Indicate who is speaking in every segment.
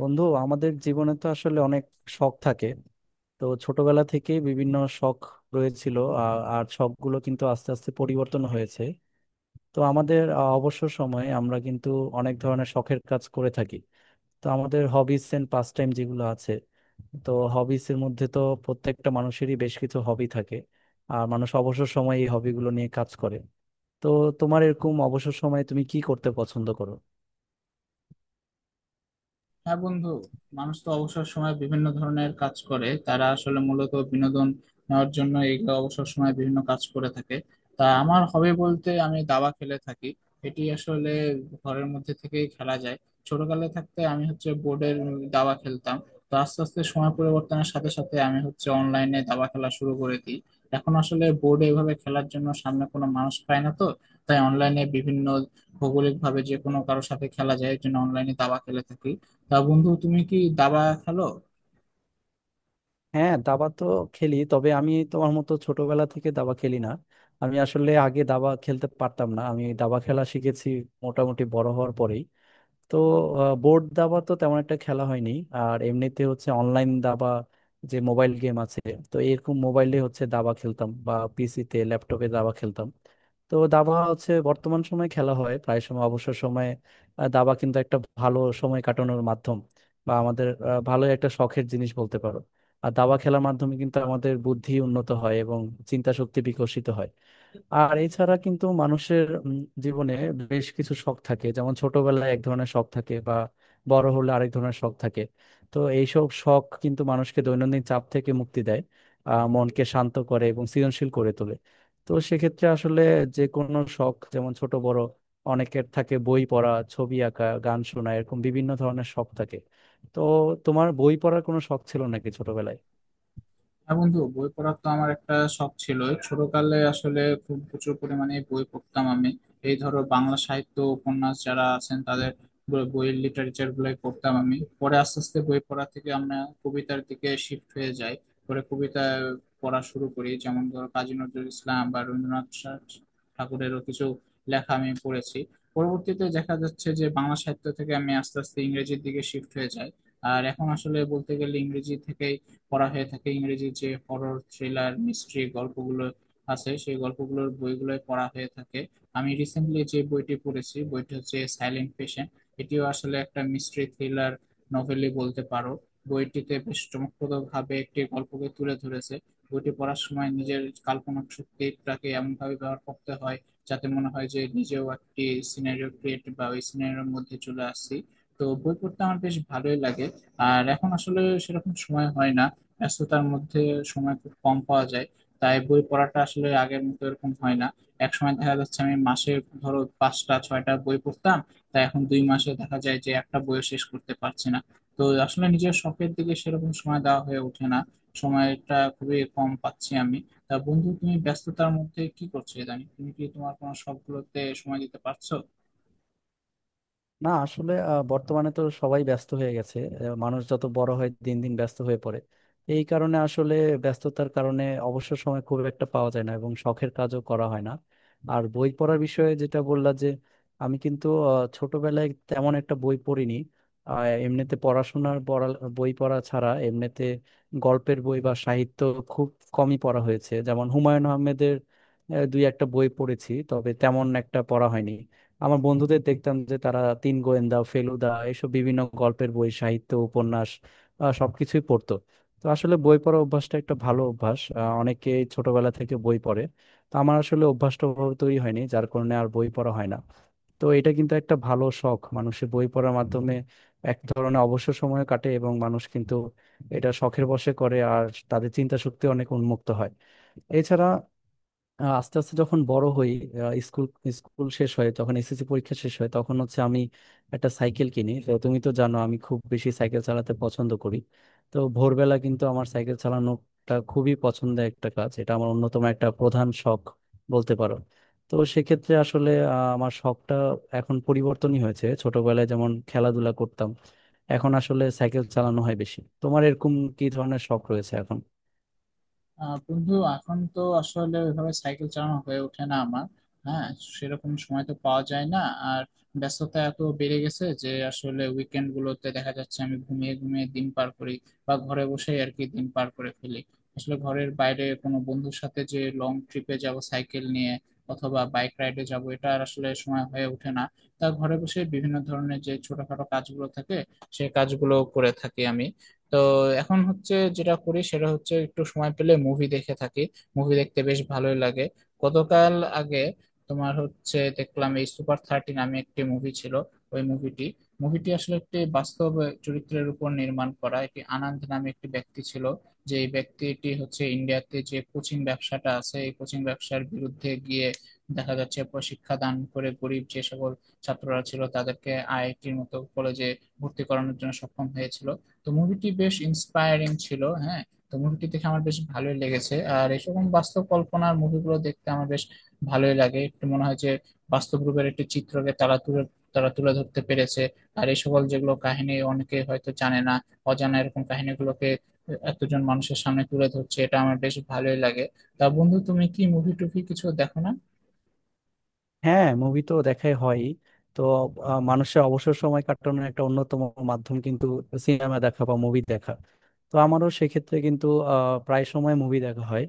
Speaker 1: বন্ধু আমাদের জীবনে তো আসলে অনেক শখ থাকে। তো ছোটবেলা থেকে বিভিন্ন শখ রয়েছিল। আ- আর শখগুলো কিন্তু আস্তে আস্তে পরিবর্তন হয়েছে। তো আমাদের অবসর সময়ে আমরা কিন্তু অনেক ধরনের শখের কাজ করে থাকি। তো আমাদের হবিস এন্ড পাস টাইম যেগুলো আছে, তো হবিস এর মধ্যে তো প্রত্যেকটা মানুষেরই বেশ কিছু হবি থাকে। আর মানুষ অবসর সময়ে এই হবিগুলো নিয়ে কাজ করে। তো তোমার এরকম অবসর সময়ে তুমি কি করতে পছন্দ করো?
Speaker 2: হ্যাঁ বন্ধু, মানুষ তো অবসর সময় বিভিন্ন ধরনের কাজ করে। তারা আসলে মূলত বিনোদন নেওয়ার জন্য এই অবসর সময় বিভিন্ন কাজ করে থাকে। তা আমার হবে বলতে আমি দাবা খেলে থাকি। এটি আসলে ঘরের মধ্যে থেকেই খেলা যায়। ছোটকালে থাকতে আমি হচ্ছে বোর্ডের দাবা খেলতাম। তো আস্তে আস্তে সময় পরিবর্তনের সাথে সাথে আমি হচ্ছে অনলাইনে দাবা খেলা শুরু করে দিই। এখন আসলে বোর্ডে এভাবে খেলার জন্য সামনে কোনো মানুষ পায় না, তো তাই অনলাইনে বিভিন্ন ভৌগোলিক ভাবে যে কোনো কারোর সাথে খেলা যায়, এর জন্য অনলাইনে দাবা খেলে থাকি। তা বন্ধু, তুমি কি দাবা খেলো?
Speaker 1: হ্যাঁ, দাবা তো খেলি, তবে আমি তোমার মতো ছোটবেলা থেকে দাবা খেলি না। আমি আসলে আগে দাবা খেলতে পারতাম না, আমি দাবা খেলা শিখেছি মোটামুটি বড় হওয়ার পরেই। তো বোর্ড দাবা তো তেমন একটা খেলা হয়নি, আর এমনিতে হচ্ছে অনলাইন দাবা, যে মোবাইল গেম আছে, তো এরকম মোবাইলে হচ্ছে দাবা খেলতাম বা পিসিতে ল্যাপটপে দাবা খেলতাম। তো দাবা হচ্ছে বর্তমান সময়ে খেলা হয় প্রায় সময় অবসর সময়ে। দাবা কিন্তু একটা ভালো সময় কাটানোর মাধ্যম বা আমাদের ভালো একটা শখের জিনিস বলতে পারো। আর দাবা খেলার মাধ্যমে কিন্তু আমাদের বুদ্ধি উন্নত হয় এবং চিন্তা শক্তি বিকশিত হয়। আর এছাড়া কিন্তু মানুষের জীবনে বেশ কিছু শখ থাকে, যেমন ছোটবেলায় এক ধরনের শখ থাকে বা বড় হলে আরেক ধরনের শখ থাকে। তো এইসব শখ কিন্তু মানুষকে দৈনন্দিন চাপ থেকে মুক্তি দেয়, মনকে শান্ত করে এবং সৃজনশীল করে তোলে। তো সেক্ষেত্রে আসলে যে কোনো শখ, যেমন ছোট বড় অনেকের থাকে বই পড়া, ছবি আঁকা, গান শোনা, এরকম বিভিন্ন ধরনের শখ থাকে। তো তোমার বই পড়ার কোনো শখ ছিল নাকি ছোটবেলায়?
Speaker 2: হ্যাঁ বন্ধু, বই পড়ার তো আমার একটা শখ ছিল। ছোটকালে আসলে খুব প্রচুর পরিমাণে বই পড়তাম আমি। এই ধরো বাংলা সাহিত্য উপন্যাস যারা আছেন তাদের বইয়ের লিটারেচার গুলোই পড়তাম আমি। পরে আস্তে আস্তে বই পড়া থেকে আমরা কবিতার দিকে শিফট হয়ে যাই। পরে কবিতা পড়া শুরু করি, যেমন ধরো কাজী নজরুল ইসলাম বা রবীন্দ্রনাথ ঠাকুরেরও কিছু লেখা আমি পড়েছি। পরবর্তীতে দেখা যাচ্ছে যে বাংলা সাহিত্য থেকে আমি আস্তে আস্তে ইংরেজির দিকে শিফট হয়ে যাই। আর এখন আসলে বলতে গেলে ইংরেজি থেকে পড়া হয়ে থাকে। ইংরেজির যে হরর, থ্রিলার, মিস্ট্রি গল্পগুলো আছে, সেই গল্পগুলোর বইগুলো পড়া হয়ে থাকে। আমি রিসেন্টলি যে বইটি পড়েছি, বইটি হচ্ছে সাইলেন্ট পেশেন্ট। এটিও আসলে একটা মিস্ট্রি থ্রিলার নভেলই বলতে পারো। বইটিতে বেশ চমকপ্রদ ভাবে একটি গল্পকে তুলে ধরেছে। বইটি পড়ার সময় নিজের কাল্পনিক শক্তিটাকে এমন ভাবে ব্যবহার করতে হয় যাতে মনে হয় যে নিজেও একটি সিনারিও ক্রিয়েট বা ওই সিনারিওর মধ্যে চলে আসছি। তো বই পড়তে আমার বেশ ভালোই লাগে। আর এখন আসলে সেরকম সময় হয় না, ব্যস্ততার মধ্যে সময় খুব কম পাওয়া যায়। তাই বই পড়াটা আসলে আগের মতো এরকম হয় না। এক সময় দেখা যাচ্ছে আমি মাসে ধরো পাঁচটা ছয়টা বই পড়তাম, তাই এখন 2 মাসে দেখা যায় যে একটা বইও শেষ করতে পারছি না। তো আসলে নিজের শখের দিকে সেরকম সময় দেওয়া হয়ে ওঠে না, সময়টা খুবই কম পাচ্ছি আমি। তা বন্ধু, তুমি ব্যস্ততার মধ্যে কি করছো? ইদানিং তুমি কি তোমার কোনো শখগুলোতে সময় দিতে পারছো?
Speaker 1: না, আসলে বর্তমানে তো সবাই ব্যস্ত হয়ে গেছে। মানুষ যত বড় হয় দিন দিন ব্যস্ত হয়ে পড়ে। এই কারণে আসলে ব্যস্ততার কারণে অবসর সময় খুব একটা পাওয়া যায় না এবং শখের কাজও করা হয় না। আর বই পড়ার বিষয়ে যেটা বললা যে আমি কিন্তু ছোটবেলায় তেমন একটা বই পড়িনি। এমনিতে পড়াশোনার পড়া, বই পড়া ছাড়া এমনিতে গল্পের বই বা সাহিত্য খুব কমই পড়া হয়েছে। যেমন হুমায়ুন আহমেদের দুই একটা বই পড়েছি, তবে তেমন একটা পড়া হয়নি। আমার বন্ধুদের দেখতাম যে তারা তিন গোয়েন্দা, ফেলুদা, এসব বিভিন্ন গল্পের বই, সাহিত্য, উপন্যাস সবকিছুই পড়তো। তো আসলে বই পড়া অভ্যাসটা একটা ভালো অভ্যাস। অনেকেই ছোটবেলা থেকে বই পড়ে। তো আমার আসলে অভ্যাসটা ওভাবে তৈরি হয়নি, যার কারণে আর বই পড়া হয় না। তো এটা কিন্তু একটা ভালো শখ, মানুষের বই পড়ার মাধ্যমে এক ধরনের অবসর সময় কাটে এবং মানুষ কিন্তু এটা শখের বশে করে আর তাদের চিন্তা শক্তি অনেক উন্মুক্ত হয়। এছাড়া আস্তে আস্তে যখন বড় হই, আহ স্কুল স্কুল শেষ হয়, যখন এসএসসি পরীক্ষা শেষ হয়, তখন হচ্ছে আমি একটা সাইকেল কিনি। তো তুমি তো জানো আমি খুব বেশি সাইকেল চালাতে পছন্দ করি। তো ভোরবেলা কিন্তু আমার সাইকেল চালানোটা খুবই পছন্দের একটা কাজ, এটা আমার অন্যতম একটা প্রধান শখ বলতে পারো। তো সেক্ষেত্রে আসলে আমার শখটা এখন পরিবর্তনই হয়েছে। ছোটবেলায় যেমন খেলাধুলা করতাম, এখন আসলে সাইকেল চালানো হয় বেশি। তোমার এরকম কি ধরনের শখ রয়েছে এখন?
Speaker 2: আহ বন্ধু, এখন তো আসলে ওইভাবে সাইকেল চালানো হয়ে ওঠে না আমার। হ্যাঁ, সেরকম সময় তো পাওয়া যায় না। আর ব্যস্ততা এত বেড়ে গেছে যে আসলে উইকেন্ড গুলোতে দেখা যাচ্ছে আমি ঘুমিয়ে ঘুমিয়ে দিন পার করি বা ঘরে বসেই আর কি দিন পার করে ফেলি। আসলে ঘরের বাইরে কোনো বন্ধুর সাথে যে লং ট্রিপে যাব সাইকেল নিয়ে, অথবা বাইক রাইডে যাব, এটা আর আসলে সময় হয়ে ওঠে না। তা ঘরে বসে বিভিন্ন ধরনের যে ছোটখাটো কাজগুলো থাকে সেই কাজগুলো করে থাকি আমি। তো এখন হচ্ছে যেটা করি সেটা হচ্ছে একটু সময় পেলে মুভি দেখে থাকি। মুভি দেখতে বেশ ভালোই লাগে। গতকাল আগে তোমার হচ্ছে দেখলাম, এই সুপার 30 নামে একটি মুভি ছিল। ওই মুভিটি মুভিটি আসলে একটি বাস্তব চরিত্রের উপর নির্মাণ করা। একটি আনন্দ নামে একটি ব্যক্তি ছিল, যে এই ব্যক্তিটি হচ্ছে ইন্ডিয়াতে যে কোচিং ব্যবসাটা আছে এই কোচিং ব্যবসার বিরুদ্ধে গিয়ে দেখা যাচ্ছে শিক্ষাদান করে গরিব যে সকল ছাত্ররা ছিল তাদেরকে আইআইটির মতো কলেজে ভর্তি করানোর জন্য সক্ষম হয়েছিল। তো মুভিটি বেশ ইন্সপায়ারিং ছিল, হ্যাঁ। তো মুভিটি দেখে আমার বেশ ভালোই লেগেছে। আর এরকম বাস্তব কল্পনার মুভিগুলো দেখতে আমার বেশ ভালোই লাগে। একটু মনে হয় যে বাস্তব রূপের একটি চিত্রকে তারা তুলে ধরতে পেরেছে। আর এই সকল যেগুলো কাহিনী অনেকে হয়তো জানে না, অজানা এরকম কাহিনীগুলোকে এতজন মানুষের সামনে তুলে ধরছে, এটা আমার বেশ ভালোই লাগে। তা বন্ধু, তুমি কি মুভি টুভি কিছু দেখো না?
Speaker 1: হ্যাঁ, মুভি তো দেখাই হয়। তো মানুষের অবসর সময় কাটানোর একটা অন্যতম মাধ্যম কিন্তু সিনেমা দেখা বা মুভি দেখা। তো আমারও সেক্ষেত্রে কিন্তু আহ, প্রায় সময় মুভি দেখা হয়।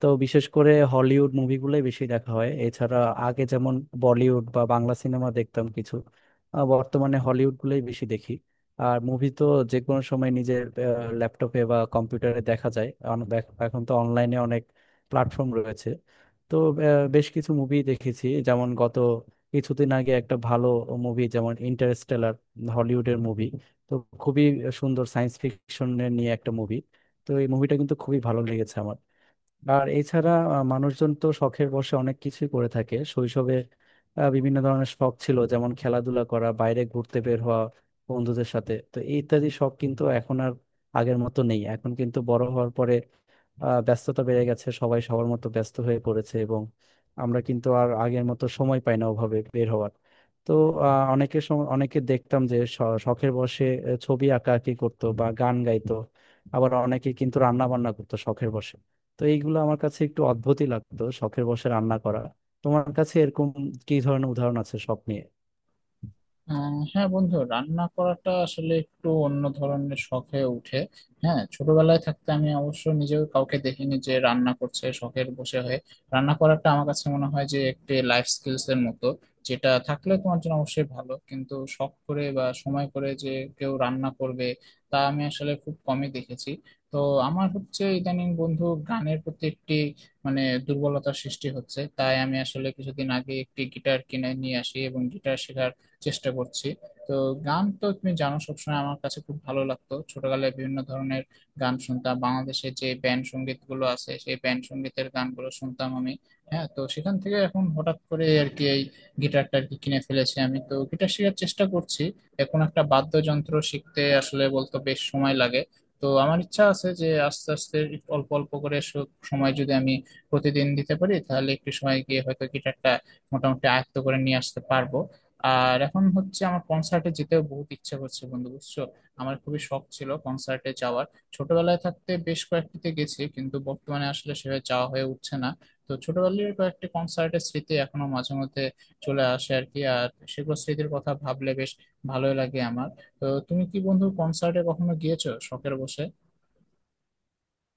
Speaker 1: তো বিশেষ করে হলিউড মুভিগুলোই বেশি দেখা হয়। এছাড়া আগে যেমন বলিউড বা বাংলা সিনেমা দেখতাম কিছু, বর্তমানে হলিউড গুলোই বেশি দেখি। আর মুভি তো যে কোনো সময় নিজের ল্যাপটপে বা কম্পিউটারে দেখা যায়। এখন তো অনলাইনে অনেক প্ল্যাটফর্ম রয়েছে। তো বেশ কিছু মুভি দেখেছি, যেমন গত কিছুদিন আগে একটা ভালো মুভি, যেমন ইন্টারস্টেলার, হলিউডের মুভি, তো খুবই সুন্দর সায়েন্স ফিকশন নিয়ে একটা মুভি। তো এই মুভিটা কিন্তু খুবই ভালো লেগেছে আমার। আর এছাড়া মানুষজন তো শখের বশে অনেক কিছুই করে থাকে। শৈশবে বিভিন্ন ধরনের শখ ছিল, যেমন খেলাধুলা করা, বাইরে ঘুরতে বের হওয়া বন্ধুদের সাথে, তো ইত্যাদি শখ কিন্তু এখন আর আগের মতো নেই। এখন কিন্তু বড় হওয়ার পরে ব্যস্ততা বেড়ে গেছে, সবাই সবার মতো ব্যস্ত হয়ে পড়েছে এবং আমরা কিন্তু আর আগের মতো সময় পাই না ওভাবে বের হওয়ার। তো অনেকে দেখতাম যে শখের বশে ছবি আঁকাআঁকি করতো বা গান গাইতো, আবার অনেকে কিন্তু রান্না বান্না করতো শখের বশে। তো এইগুলো আমার কাছে একটু অদ্ভুতই লাগতো, শখের বশে রান্না করা। তোমার কাছে এরকম কি ধরনের উদাহরণ আছে শখ নিয়ে?
Speaker 2: হ্যাঁ বন্ধু, রান্না করাটা আসলে একটু অন্য ধরনের শখ হয়ে উঠে। হ্যাঁ, ছোটবেলায় থাকতে আমি অবশ্য নিজেও কাউকে দেখিনি যে রান্না করছে শখের বসে হয়ে। রান্না করাটা আমার কাছে মনে হয় যে একটি লাইফ স্কিলস এর মতো, যেটা থাকলে তোমার জন্য অবশ্যই ভালো। কিন্তু শখ করে বা সময় করে যে কেউ রান্না করবে, তা আমি আসলে খুব কমই দেখেছি। তো আমার হচ্ছে ইদানিং বন্ধু, গানের প্রতি একটি মানে দুর্বলতার সৃষ্টি হচ্ছে। তাই আমি আসলে কিছুদিন আগে একটি গিটার কিনে নিয়ে আসি এবং গিটার শেখার চেষ্টা করছি। তো গান তো তুমি জানো, সবসময় আমার কাছে খুব ভালো লাগতো। ছোটবেলায় বিভিন্ন ধরনের গান শুনতাম, বাংলাদেশের যে ব্যান্ড সঙ্গীত গুলো আছে সেই ব্যান্ড সঙ্গীতের গানগুলো শুনতাম আমি। হ্যাঁ, তো সেখান থেকে এখন হঠাৎ করে আর কি এই গিটারটা আর কি কিনে ফেলেছি আমি, তো গিটার শেখার চেষ্টা করছি এখন। একটা বাদ্যযন্ত্র শিখতে আসলে বলতো বেশ সময় লাগে। তো আমার ইচ্ছা আছে যে আস্তে আস্তে একটু অল্প অল্প করে সময় যদি আমি প্রতিদিন দিতে পারি, তাহলে একটু সময় গিয়ে হয়তো গিটারটা মোটামুটি আয়ত্ত করে নিয়ে আসতে পারবো। আর এখন হচ্ছে আমার কনসার্টে যেতেও বহুত ইচ্ছা করছে বন্ধু, বুঝছো? আমার খুবই শখ ছিল কনসার্টে যাওয়ার। ছোটবেলায় থাকতে বেশ কয়েকটিতে গেছি, কিন্তু বর্তমানে আসলে সেভাবে যাওয়া হয়ে উঠছে না। তো ছোটবেলার কয়েকটি কনসার্টের স্মৃতি এখনো মাঝে মধ্যে চলে আসে আর কি। আর সেগুলো স্মৃতির কথা ভাবলে বেশ ভালোই লাগে আমার। তো তুমি কি বন্ধু কনসার্টে কখনো গিয়েছো শখের বসে?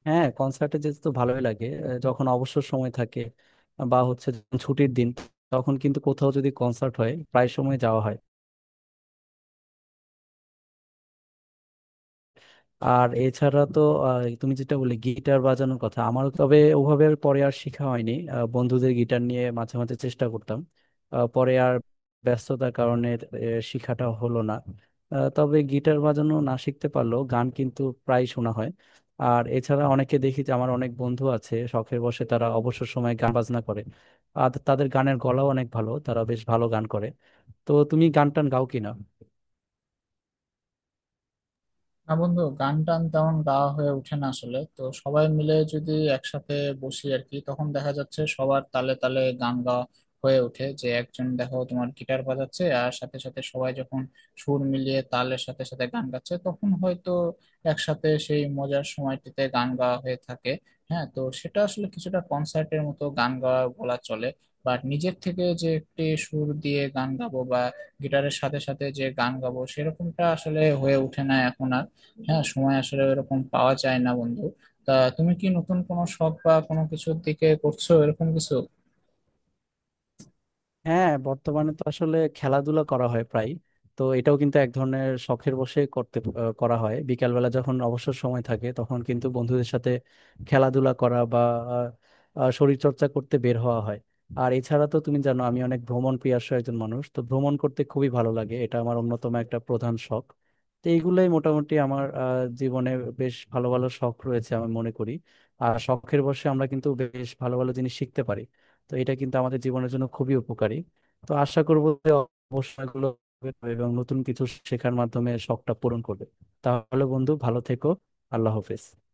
Speaker 1: হ্যাঁ, কনসার্টে যেতে তো ভালোই লাগে। যখন অবসর সময় থাকে বা হচ্ছে যখন ছুটির দিন, তখন কিন্তু কোথাও যদি কনসার্ট হয় প্রায় সময় যাওয়া হয়। আর এছাড়া তো তুমি যেটা বললে গিটার বাজানোর কথা, আমার তবে ওভাবে আর পরে আর শেখা হয়নি। বন্ধুদের গিটার নিয়ে মাঝে মাঝে চেষ্টা করতাম, পরে আর ব্যস্ততার কারণে শেখাটা হলো না। তবে গিটার বাজানো না শিখতে পারলেও গান কিন্তু প্রায় শোনা হয়। আর এছাড়া অনেকে দেখি যে আমার অনেক বন্ধু আছে, শখের বশে তারা অবসর সময়ে গান বাজনা করে আর তাদের গানের গলাও অনেক ভালো, তারা বেশ ভালো গান করে। তো তুমি গান টান গাও কিনা?
Speaker 2: না বন্ধু, গান টান তেমন গাওয়া হয়ে ওঠে না। আসলে তো সবাই মিলে যদি একসাথে বসি আর কি, তখন দেখা যাচ্ছে সবার তালে তালে গান গাওয়া হয়ে ওঠে। যে একজন দেখো তোমার গিটার বাজাচ্ছে আর সাথে সাথে সবাই যখন সুর মিলিয়ে তালের সাথে সাথে গান গাচ্ছে, তখন হয়তো একসাথে সেই মজার সময়টিতে গান গাওয়া হয়ে থাকে। হ্যাঁ, তো সেটা আসলে কিছুটা কনসার্টের মতো গান গাওয়া বলা চলে। বাট নিজের থেকে যে একটি সুর দিয়ে গান গাবো বা গিটারের সাথে সাথে যে গান গাবো, সেরকমটা আসলে হয়ে ওঠে না এখন আর। হ্যাঁ, সময় আসলে এরকম পাওয়া যায় না বন্ধু। তা তুমি কি নতুন কোনো শখ বা কোনো কিছুর দিকে করছো এরকম কিছু?
Speaker 1: হ্যাঁ, বর্তমানে তো আসলে খেলাধুলা করা হয় প্রায়। তো এটাও কিন্তু এক ধরনের শখের বশে করতে করা হয়। বিকালবেলা যখন অবসর সময় থাকে তখন কিন্তু বন্ধুদের সাথে খেলাধুলা করা বা শরীর চর্চা করতে বের হওয়া হয়। আর এছাড়া তো তুমি জানো আমি অনেক ভ্রমণ প্রিয়াস্য একজন মানুষ, তো ভ্রমণ করতে খুবই ভালো লাগে, এটা আমার অন্যতম একটা প্রধান শখ। তো এইগুলোই মোটামুটি আমার জীবনে বেশ ভালো ভালো শখ রয়েছে আমি মনে করি। আর শখের বশে আমরা কিন্তু বেশ ভালো ভালো জিনিস শিখতে পারি, তো এটা কিন্তু আমাদের জীবনের জন্য খুবই উপকারী। তো আশা করবো যে অবসরগুলো এবং নতুন কিছু শেখার মাধ্যমে শখটা পূরণ করবে। তাহলে বন্ধু, ভালো থেকো। আল্লাহ হাফেজ।